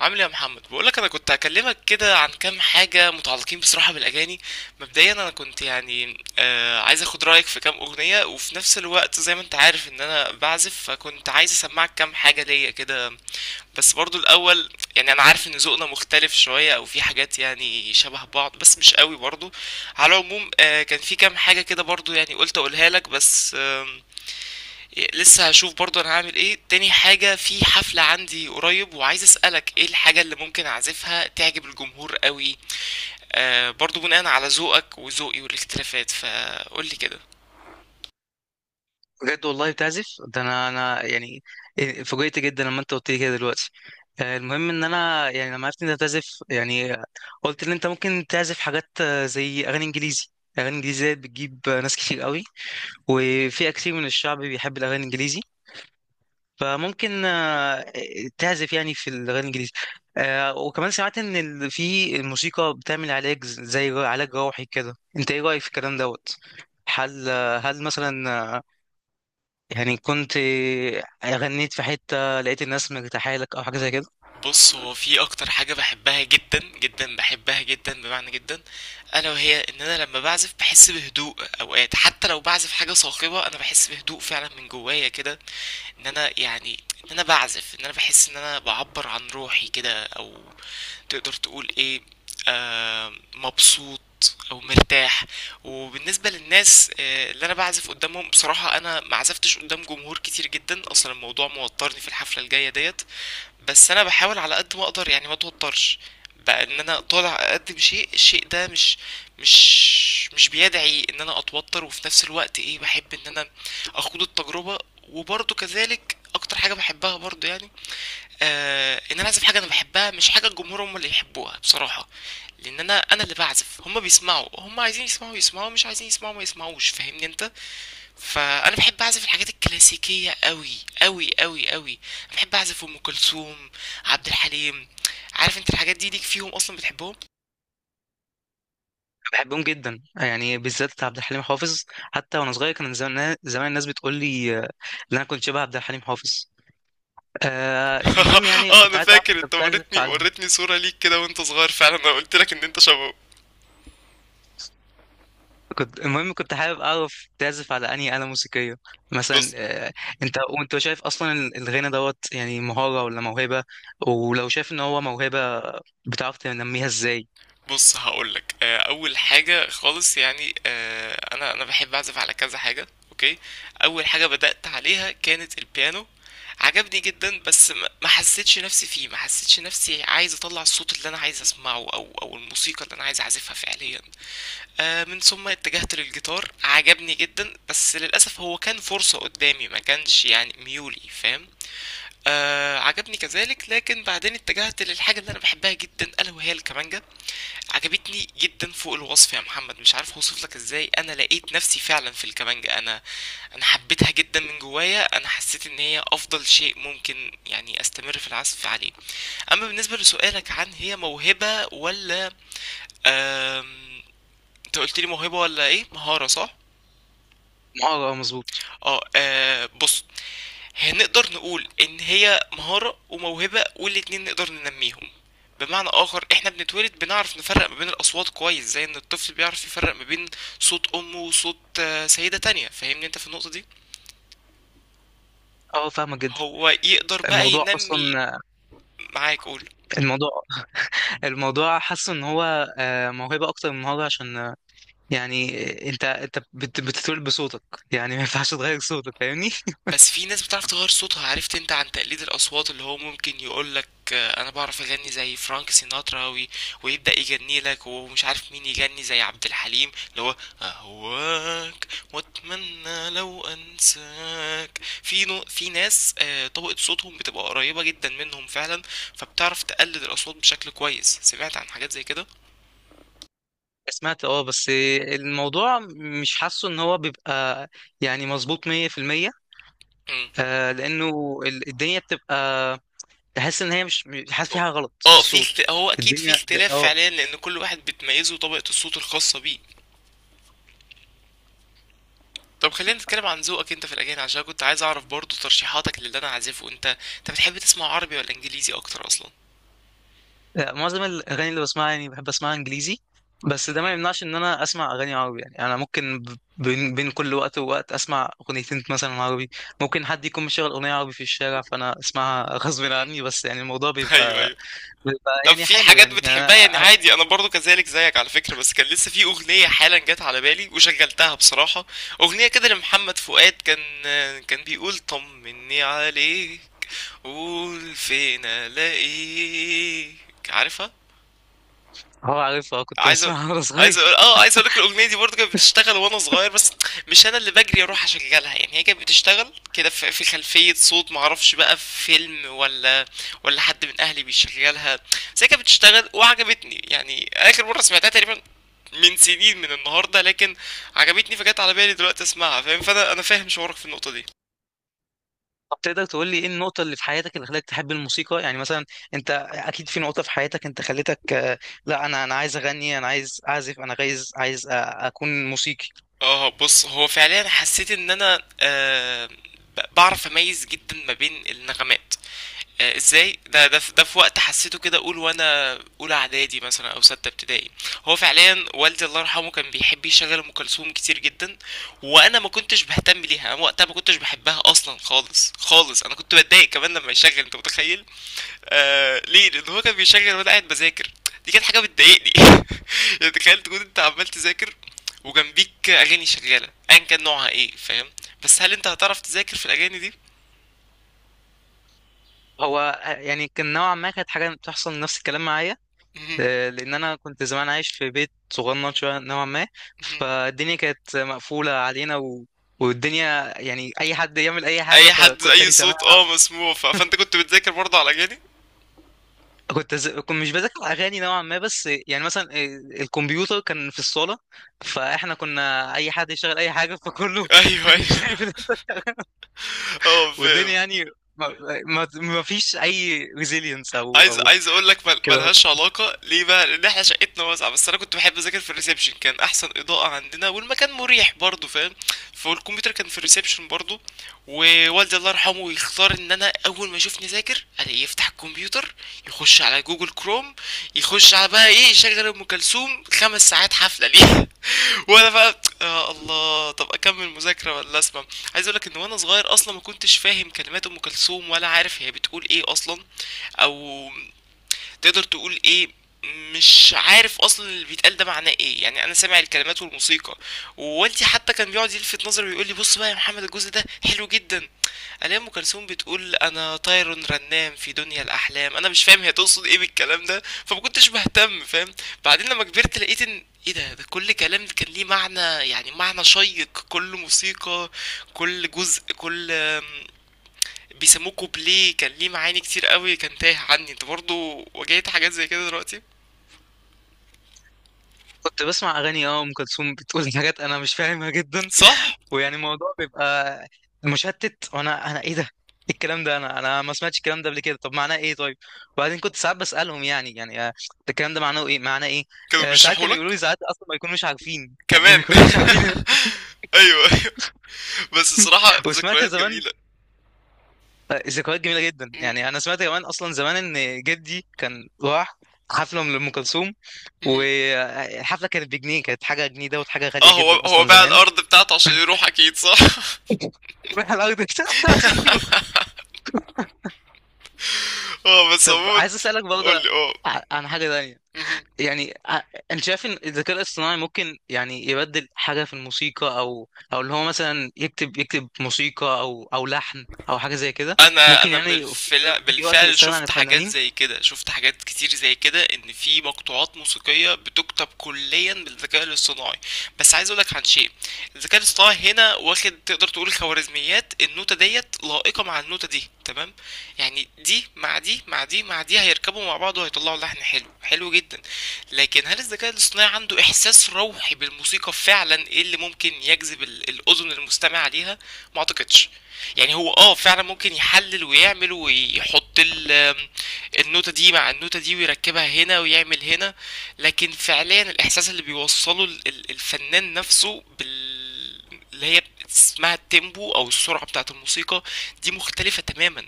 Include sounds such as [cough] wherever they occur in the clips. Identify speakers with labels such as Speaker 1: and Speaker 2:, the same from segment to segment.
Speaker 1: عامل ايه يا محمد؟ بقولك انا كنت هكلمك كده عن كام حاجه متعلقين بصراحه بالاغاني. مبدئيا انا كنت يعني عايز اخد رايك في كام اغنيه، وفي نفس الوقت زي ما انت عارف ان انا بعزف، فكنت عايز اسمعك كام حاجه ليا كده. بس برضو الاول، يعني انا عارف ان ذوقنا مختلف شويه او في حاجات يعني شبه بعض بس مش قوي برضو. على العموم كان في كام حاجه كده برضو، يعني قلت اقولها لك بس. لسه هشوف برضه انا هعمل ايه. تاني حاجة، في حفلة عندي قريب وعايز اسألك ايه الحاجة اللي ممكن اعزفها تعجب الجمهور قوي، برضه بناء على ذوقك وذوقي والاختلافات، فقولي كده.
Speaker 2: بجد والله بتعزف ده. انا يعني فوجئت جدا لما انت قلت لي كده دلوقتي. المهم ان انا يعني لما عرفت ان انت تعزف، يعني قلت ان انت ممكن تعزف حاجات زي اغاني انجليزي. اغاني انجليزي ديت بتجيب ناس كتير قوي، وفئة كتير من الشعب بيحب الاغاني الانجليزي، فممكن تعزف يعني في الاغاني الانجليزي. وكمان سمعت ان في الموسيقى بتعمل علاج زي علاج روحي كده. انت ايه رأيك في الكلام دوت؟ هل هل مثلا يعني كنت غنيت في حتة لقيت الناس مرتاحة لك أو حاجة زي كده؟
Speaker 1: بص، هو في اكتر حاجة بحبها جدا جدا، بحبها جدا بمعنى جدا، الا وهي ان انا لما بعزف بحس بهدوء. اوقات حتى لو بعزف حاجة صاخبة انا بحس بهدوء فعلا من جوايا كده. ان انا يعني ان انا بعزف، ان انا بحس ان انا بعبر عن روحي كده، او تقدر تقول ايه، مبسوط او مرتاح. وبالنسبه للناس اللي انا بعزف قدامهم، بصراحه انا ما عزفتش قدام جمهور كتير جدا اصلا، الموضوع موترني في الحفله الجايه ديت. بس انا بحاول على قد ما اقدر يعني ما اتوترش. بقى ان انا طالع اقدم شيء، الشيء ده مش بيدعي ان انا اتوتر، وفي نفس الوقت ايه، بحب ان انا اخوض التجربة. وبرضه كذلك اكتر حاجة بحبها برضه، يعني ان انا اعزف حاجة انا بحبها مش حاجة الجمهور هم اللي يحبوها، بصراحة. لان انا اللي بعزف، هم بيسمعوا، هم عايزين يسمعوا يسمعوا، مش عايزين يسمعوا ما يسمعوش، فاهمني انت؟ فانا بحب اعزف الحاجات الكلاسيكيه قوي قوي قوي قوي. بحب اعزف ام كلثوم، عبد الحليم. عارف انت الحاجات دي ليك فيهم اصلا، بتحبهم؟
Speaker 2: بحبهم جدا، يعني بالذات عبد الحليم حافظ. حتى وأنا صغير كان زمان زمان الناس بتقول لي إن أنا كنت شبه عبد الحليم حافظ. المهم
Speaker 1: [laughs]
Speaker 2: يعني
Speaker 1: اه،
Speaker 2: كنت
Speaker 1: انا
Speaker 2: عايز أعرف
Speaker 1: فاكر
Speaker 2: أنت
Speaker 1: انت
Speaker 2: بتعزف
Speaker 1: وريتني
Speaker 2: على.
Speaker 1: وريتني صوره ليك كده وانت صغير، فعلا انا قلت لك ان انت شبهه.
Speaker 2: المهم كنت حابب أعرف تعزف على أنهي آلة موسيقية؟ مثلا
Speaker 1: بس
Speaker 2: وأنت شايف أصلا الغنى دوت يعني مهارة ولا موهبة؟ ولو شايف إن هو موهبة، بتعرف تنميها إزاي؟
Speaker 1: بص هقولك، اول حاجه خالص يعني، انا بحب اعزف على كذا حاجه، اوكي؟ اول حاجه بدات عليها كانت البيانو. عجبني جدا بس ما حسيتش نفسي فيه، ما حسيتش نفسي عايز اطلع الصوت اللي انا عايز اسمعه او الموسيقى اللي انا عايز اعزفها فعليا. من ثم اتجهت للجيتار، عجبني جدا بس للاسف هو كان فرصه قدامي، ما كانش يعني ميولي، فاهم؟ عجبني كذلك، لكن بعدين اتجهت للحاجة اللي أنا بحبها جدا، ألا وهي الكمانجة. عجبتني جدا فوق الوصف يا محمد، مش عارف اوصف لك ازاي. انا لقيت نفسي فعلا في الكمانجة، انا حبيتها جدا من جوايا، انا حسيت ان هي افضل شيء ممكن يعني استمر في العزف عليه. اما بالنسبة لسؤالك عن هي موهبة ولا آم، انت قلت لي موهبة ولا ايه، مهارة، صح؟
Speaker 2: مهارة، مظبوط.
Speaker 1: اه، بص، هنقدر نقول ان هي مهارة وموهبة، والاتنين نقدر ننميهم. بمعنى اخر، احنا بنتولد بنعرف نفرق ما بين الاصوات كويس، زي ان الطفل بيعرف يفرق ما بين صوت امه وصوت سيدة تانية، فاهمني انت في النقطة دي؟
Speaker 2: أه، فاهمة جدا.
Speaker 1: هو يقدر بقى
Speaker 2: الموضوع
Speaker 1: ينمي.
Speaker 2: اصلا
Speaker 1: معاك، قول.
Speaker 2: الموضوع الموضوع حاسه ان هو موهبه، اكتر من موهبه، عشان يعني انت بتتولد بصوتك، يعني ما ينفعش تغير صوتك. فاهمني؟
Speaker 1: بس في ناس بتعرف تغير صوتها. عرفت انت عن تقليد الاصوات، اللي هو ممكن يقولك انا بعرف اغني زي فرانك سيناترا، ويبدا يغني لك، ومش عارف مين يغني زي عبد الحليم، اللي هو اهواك واتمنى لو انساك. في ناس طبقة صوتهم بتبقى قريبة جدا منهم فعلا، فبتعرف تقلد الاصوات بشكل كويس. سمعت عن حاجات زي كده؟
Speaker 2: سمعت، بس الموضوع مش حاسه ان هو بيبقى يعني مظبوط 100%.
Speaker 1: مم.
Speaker 2: لانه الدنيا بتبقى، تحس ان هي مش حاسس فيها غلط في
Speaker 1: اه، في
Speaker 2: الصوت.
Speaker 1: هو اكيد في
Speaker 2: الدنيا.
Speaker 1: اختلاف
Speaker 2: اه
Speaker 1: فعليا، لان كل واحد بتميزه طبقة الصوت الخاصة بيه. طب خلينا نتكلم عن ذوقك انت في الاغاني، عشان كنت عايز اعرف برضو ترشيحاتك للي انا عازفه. انت انت بتحب تسمع عربي ولا انجليزي اكتر اصلا؟
Speaker 2: لا، معظم الاغاني اللي بسمعها يعني بحب اسمعها انجليزي. بس ده ما
Speaker 1: مهم.
Speaker 2: يمنعش ان انا اسمع اغاني عربي، يعني انا ممكن بين كل وقت ووقت اسمع اغنيتين مثلا عربي. ممكن حد يكون مشغل اغنيه عربي في الشارع فانا اسمعها [laughs] غصب
Speaker 1: مهم.
Speaker 2: عني، بس يعني الموضوع
Speaker 1: [laughs] ايوه،
Speaker 2: بيبقى
Speaker 1: ايوه.
Speaker 2: بيبقى
Speaker 1: طب
Speaker 2: يعني
Speaker 1: في
Speaker 2: حلو،
Speaker 1: حاجات
Speaker 2: يعني أنا
Speaker 1: بتحبها يعني، عادي، انا برضو كذلك زيك على فكرة. بس كان لسه في اغنية حالا جت على بالي وشغلتها بصراحة، اغنية كده لمحمد فؤاد، كان كان بيقول طمني عليك، قول فين الاقيك، عارفها؟
Speaker 2: هو عارفها. كنت
Speaker 1: عايز اقول،
Speaker 2: بسمعها [laughs] وانا
Speaker 1: عايز
Speaker 2: صغير.
Speaker 1: اقول، اه، عايز اقول لك الاغنيه دي برضه كانت بتشتغل وانا صغير، بس مش انا اللي بجري اروح اشغلها يعني، هي كانت بتشتغل كده في في خلفيه صوت، معرفش بقى في فيلم ولا ولا حد من اهلي بيشغلها. بس هي كانت بتشتغل وعجبتني. يعني اخر مره سمعتها تقريبا من سنين من النهارده، لكن عجبتني فجت على بالي دلوقتي اسمعها، فاهم؟ فانا انا فاهم شعورك في النقطه دي.
Speaker 2: طب تقدر تقول لي ايه النقطه اللي في حياتك اللي خلتك تحب الموسيقى؟ يعني مثلا، انت اكيد في
Speaker 1: مهم.
Speaker 2: نقطه في حياتك انت خلتك لا، انا عايز اغني، انا عايز اعزف، انا عايز اكون موسيقي.
Speaker 1: اه بص، هو فعليا حسيت ان انا آه بعرف اميز جدا ما بين النغمات، ازاي ده، ده في ده، في وقت حسيته كده، اقول وانا اولى اعدادي مثلا او سته ابتدائي. هو فعليا والدي الله يرحمه كان بيحب يشغل ام كلثوم كتير جدا، وانا ما كنتش بهتم ليها، انا وقتها ما كنتش بحبها اصلا خالص خالص. انا كنت بتضايق كمان لما يشغل، انت متخيل؟ ليه؟ لان هو كان بيشغل وانا قاعد بذاكر، دي كانت حاجه بتضايقني [laughs] يعني تخيل تكون انت عمال تذاكر وجنبيك اغاني شغاله، ايا كان نوعها ايه، فاهم؟ بس هل انت هتعرف تذاكر في الاغاني دي؟
Speaker 2: هو يعني كان نوعا ما كانت حاجة بتحصل نفس الكلام معايا. لأن أنا كنت زمان عايش في بيت صغنن شوية نوعا ما،
Speaker 1: [laughs]
Speaker 2: فالدنيا كانت مقفولة علينا والدنيا يعني أي حد يعمل أي حاجة،
Speaker 1: اي حد،
Speaker 2: فكنت
Speaker 1: اي
Speaker 2: أنا سامع.
Speaker 1: صوت، اه، مسموع. فانت كنت بتذاكر برضه على اغاني؟
Speaker 2: كنت مش بذاكر أغاني نوعا ما، بس يعني مثلا الكمبيوتر كان في الصالة، فإحنا كنا أي حد يشغل أي حاجة فكله.
Speaker 1: [laughs] ايوه،
Speaker 2: [laughs]
Speaker 1: ايوه.
Speaker 2: شايف ده.
Speaker 1: اه،
Speaker 2: والدنيا
Speaker 1: فاهم.
Speaker 2: يعني ما... ما فيش أي ريزيلينس
Speaker 1: عايز
Speaker 2: أو
Speaker 1: عايز اقول لك،
Speaker 2: كده.
Speaker 1: ملهاش علاقه. ليه بقى؟ لان احنا شقتنا واسعه، بس انا كنت بحب اذاكر في الريسبشن، كان احسن اضاءه عندنا والمكان مريح برضه، فاهم؟ فالكمبيوتر كان في الريسبشن برضه. ووالدي الله يرحمه يختار ان انا اول ما يشوفني ذاكر، الاقيه يفتح الكمبيوتر، يخش على جوجل كروم، يخش على بقى ايه، يشغل ام كلثوم خمس ساعات حفله. ليه [laughs] وانا بقى يا الله، طب اكمل مذاكره ولا اسمع؟ عايز اقولك ان وانا صغير اصلا ما كنتش فاهم كلمات ام كلثوم، ولا عارف هي بتقول ايه اصلا، او تقدر تقول ايه، مش عارف اصلا اللي بيتقال ده معناه ايه، يعني انا سامع الكلمات والموسيقى. ووالدي حتى كان بيقعد يلفت نظري ويقول لي: بص بقى يا محمد الجزء ده حلو جدا. الاقي ام كلثوم بتقول: انا طير رنام في دنيا الاحلام. انا مش فاهم هي تقصد ايه بالكلام ده، فما كنتش بهتم، فاهم؟ بعدين لما كبرت لقيت ان ايه ده، ده كل كلام كان ليه معنى، يعني معنى شيق، كل موسيقى، كل جزء، كل بيسموه كوبليه كان ليه معاني كتير قوي كان تايه عني. انت برضو واجهت حاجات زي كده؟ دلوقتي.
Speaker 2: كنت بسمع اغاني ام كلثوم بتقول [laughs] حاجات انا مش فاهمها جدا.
Speaker 1: صح.
Speaker 2: ويعني الموضوع بيبقى مشتت، وانا ايه ده؟ إيه الكلام ده؟ انا ما سمعتش الكلام ده قبل كده. طب معناه ايه؟ طيب. وبعدين كنت ساعات بسالهم، يعني ده الكلام ده معناه ايه؟ معناه ايه؟
Speaker 1: كانوا
Speaker 2: ساعات
Speaker 1: بيشرحوا
Speaker 2: كانوا يقولوا
Speaker 1: لك؟
Speaker 2: لي، ساعات اصلا ما يكونوش عارفين يعني [laughs] ما
Speaker 1: كمان
Speaker 2: يكونوش عارفين.
Speaker 1: [laughs] ايوه، ايوه. بس الصراحة
Speaker 2: [laughs] وسمعت
Speaker 1: ذكريات
Speaker 2: زمان
Speaker 1: جميلة.
Speaker 2: ذكريات جميله جدا. يعني
Speaker 1: م-
Speaker 2: انا سمعت كمان اصلا زمان ان جدي كان راح حفله لام كلثوم.
Speaker 1: م.
Speaker 2: والحفله كانت بجنيه، كانت حاجه. جنيه دوت حاجه
Speaker 1: اه،
Speaker 2: غاليه
Speaker 1: هو
Speaker 2: جدا
Speaker 1: هو
Speaker 2: اصلا
Speaker 1: باع
Speaker 2: زمان.
Speaker 1: الارض بتاعته عشان يروح، اكيد، صح؟
Speaker 2: روح الارض [laughs] بتاعته عشان يموت.
Speaker 1: [laughs] اه. بس
Speaker 2: طب
Speaker 1: عموما.
Speaker 2: عايز اسالك
Speaker 1: قول
Speaker 2: برضه
Speaker 1: لي، اه.
Speaker 2: عن حاجه تانية.
Speaker 1: مهم.
Speaker 2: يعني انت شايف ان الذكاء الاصطناعي ممكن يعني يبدل حاجه في الموسيقى، او اللي هو مثلا يكتب، موسيقى او لحن او حاجه زي كده؟
Speaker 1: انا
Speaker 2: ممكن
Speaker 1: انا
Speaker 2: يعني
Speaker 1: بالفعل
Speaker 2: [laughs] يجي وقت
Speaker 1: بالفعل
Speaker 2: يستغنى عن
Speaker 1: شفت حاجات
Speaker 2: الفنانين؟
Speaker 1: زي كده، شفت حاجات كتير زي كده، ان في مقطوعات موسيقيه بتكتب كليا بالذكاء الاصطناعي. بس عايز اقولك عن شيء: الذكاء الاصطناعي هنا واخد، تقدر تقول، خوارزميات، النوتة ديت لائقه مع النوتة دي تمام، يعني دي مع دي مع دي مع دي هيركبوا مع بعض وهيطلعوا لحن حلو، حلو جدا. لكن هل الذكاء الاصطناعي عنده احساس روحي بالموسيقى فعلا، ايه اللي ممكن يجذب الاذن المستمعه ليها؟ ما اعتقدش. يعني هو اه فعلا ممكن يحلل ويعمل ويحط النوتة دي مع النوتة دي ويركبها هنا ويعمل هنا. لكن فعليا الإحساس اللي بيوصله الفنان نفسه بال، اللي هي اسمها التيمبو أو السرعة بتاعة الموسيقى، دي مختلفة تماما.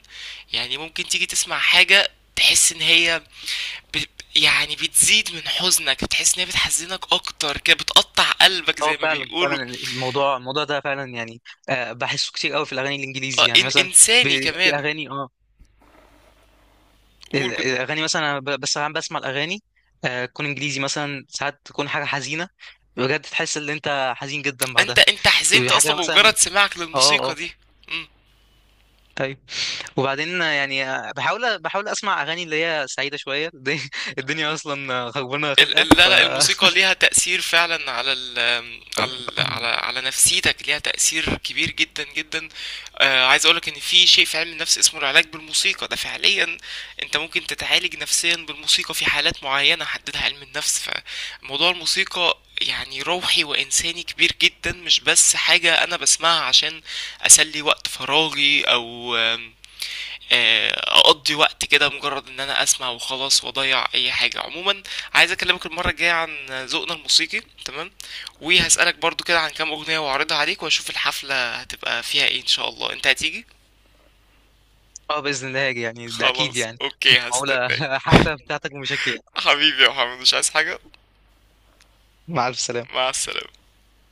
Speaker 1: يعني ممكن تيجي تسمع حاجة تحس إن هي ب... يعني بتزيد من حزنك، بتحس إن هي بتحزنك أكتر كده، بتقطع قلبك
Speaker 2: اه،
Speaker 1: زي ما
Speaker 2: فعلا
Speaker 1: بيقولوا.
Speaker 2: فعلا الموضوع ده فعلا يعني بحسه كتير قوي في الاغاني
Speaker 1: اه،
Speaker 2: الانجليزي. يعني مثلا،
Speaker 1: إنساني
Speaker 2: بيبقى في
Speaker 1: كمان.
Speaker 2: اغاني
Speaker 1: قول، كنت.
Speaker 2: الاغاني مثلا أنا بس انا بسمع الاغاني تكون انجليزي مثلا ساعات، تكون حاجه حزينه بجد، تحس ان انت حزين جدا
Speaker 1: انت
Speaker 2: بعدها.
Speaker 1: انت حزنت
Speaker 2: حاجه
Speaker 1: اصلا بمجرد
Speaker 2: مثلا،
Speaker 1: سماعك
Speaker 2: اه
Speaker 1: للموسيقى
Speaker 2: اه.
Speaker 1: دي؟ مم.
Speaker 2: طيب. وبعدين يعني بحاول اسمع اغاني اللي هي سعيده شويه، الدنيا [laughs] الدنيا اصلا خربانه
Speaker 1: ال ال
Speaker 2: خلقه
Speaker 1: لا لا، الموسيقى ليها تأثير فعلا على ال على ال على على نفسيتك، ليها تأثير كبير جدا جدا. عايز اقولك ان في شيء في علم النفس اسمه العلاج بالموسيقى، ده فعليا انت ممكن تتعالج نفسيا بالموسيقى في حالات معينة حددها علم النفس. فموضوع الموسيقى يعني روحي وإنساني كبير جدا، مش بس حاجة أنا بسمعها عشان أسلي وقت فراغي أو آم، آه، اقضي وقت كده، مجرد ان انا اسمع وخلاص واضيع اي حاجه. عموما عايز اكلمك المره الجايه عن ذوقنا الموسيقي، تمام؟ وهسالك برضو كده عن كام اغنيه واعرضها عليك، واشوف الحفله هتبقى فيها ايه ان شاء الله. انت هتيجي؟
Speaker 2: اه، باذن الله هاجي يعني. ده اكيد
Speaker 1: خلاص،
Speaker 2: يعني.
Speaker 1: اوكي،
Speaker 2: مش معقوله [laughs]
Speaker 1: هستناك.
Speaker 2: حفله بتاعتك ومشاكل، يعني.
Speaker 1: حبيبي يا محمد، مش عايز حاجه.
Speaker 2: مع الف سلامه.
Speaker 1: مع السلامه.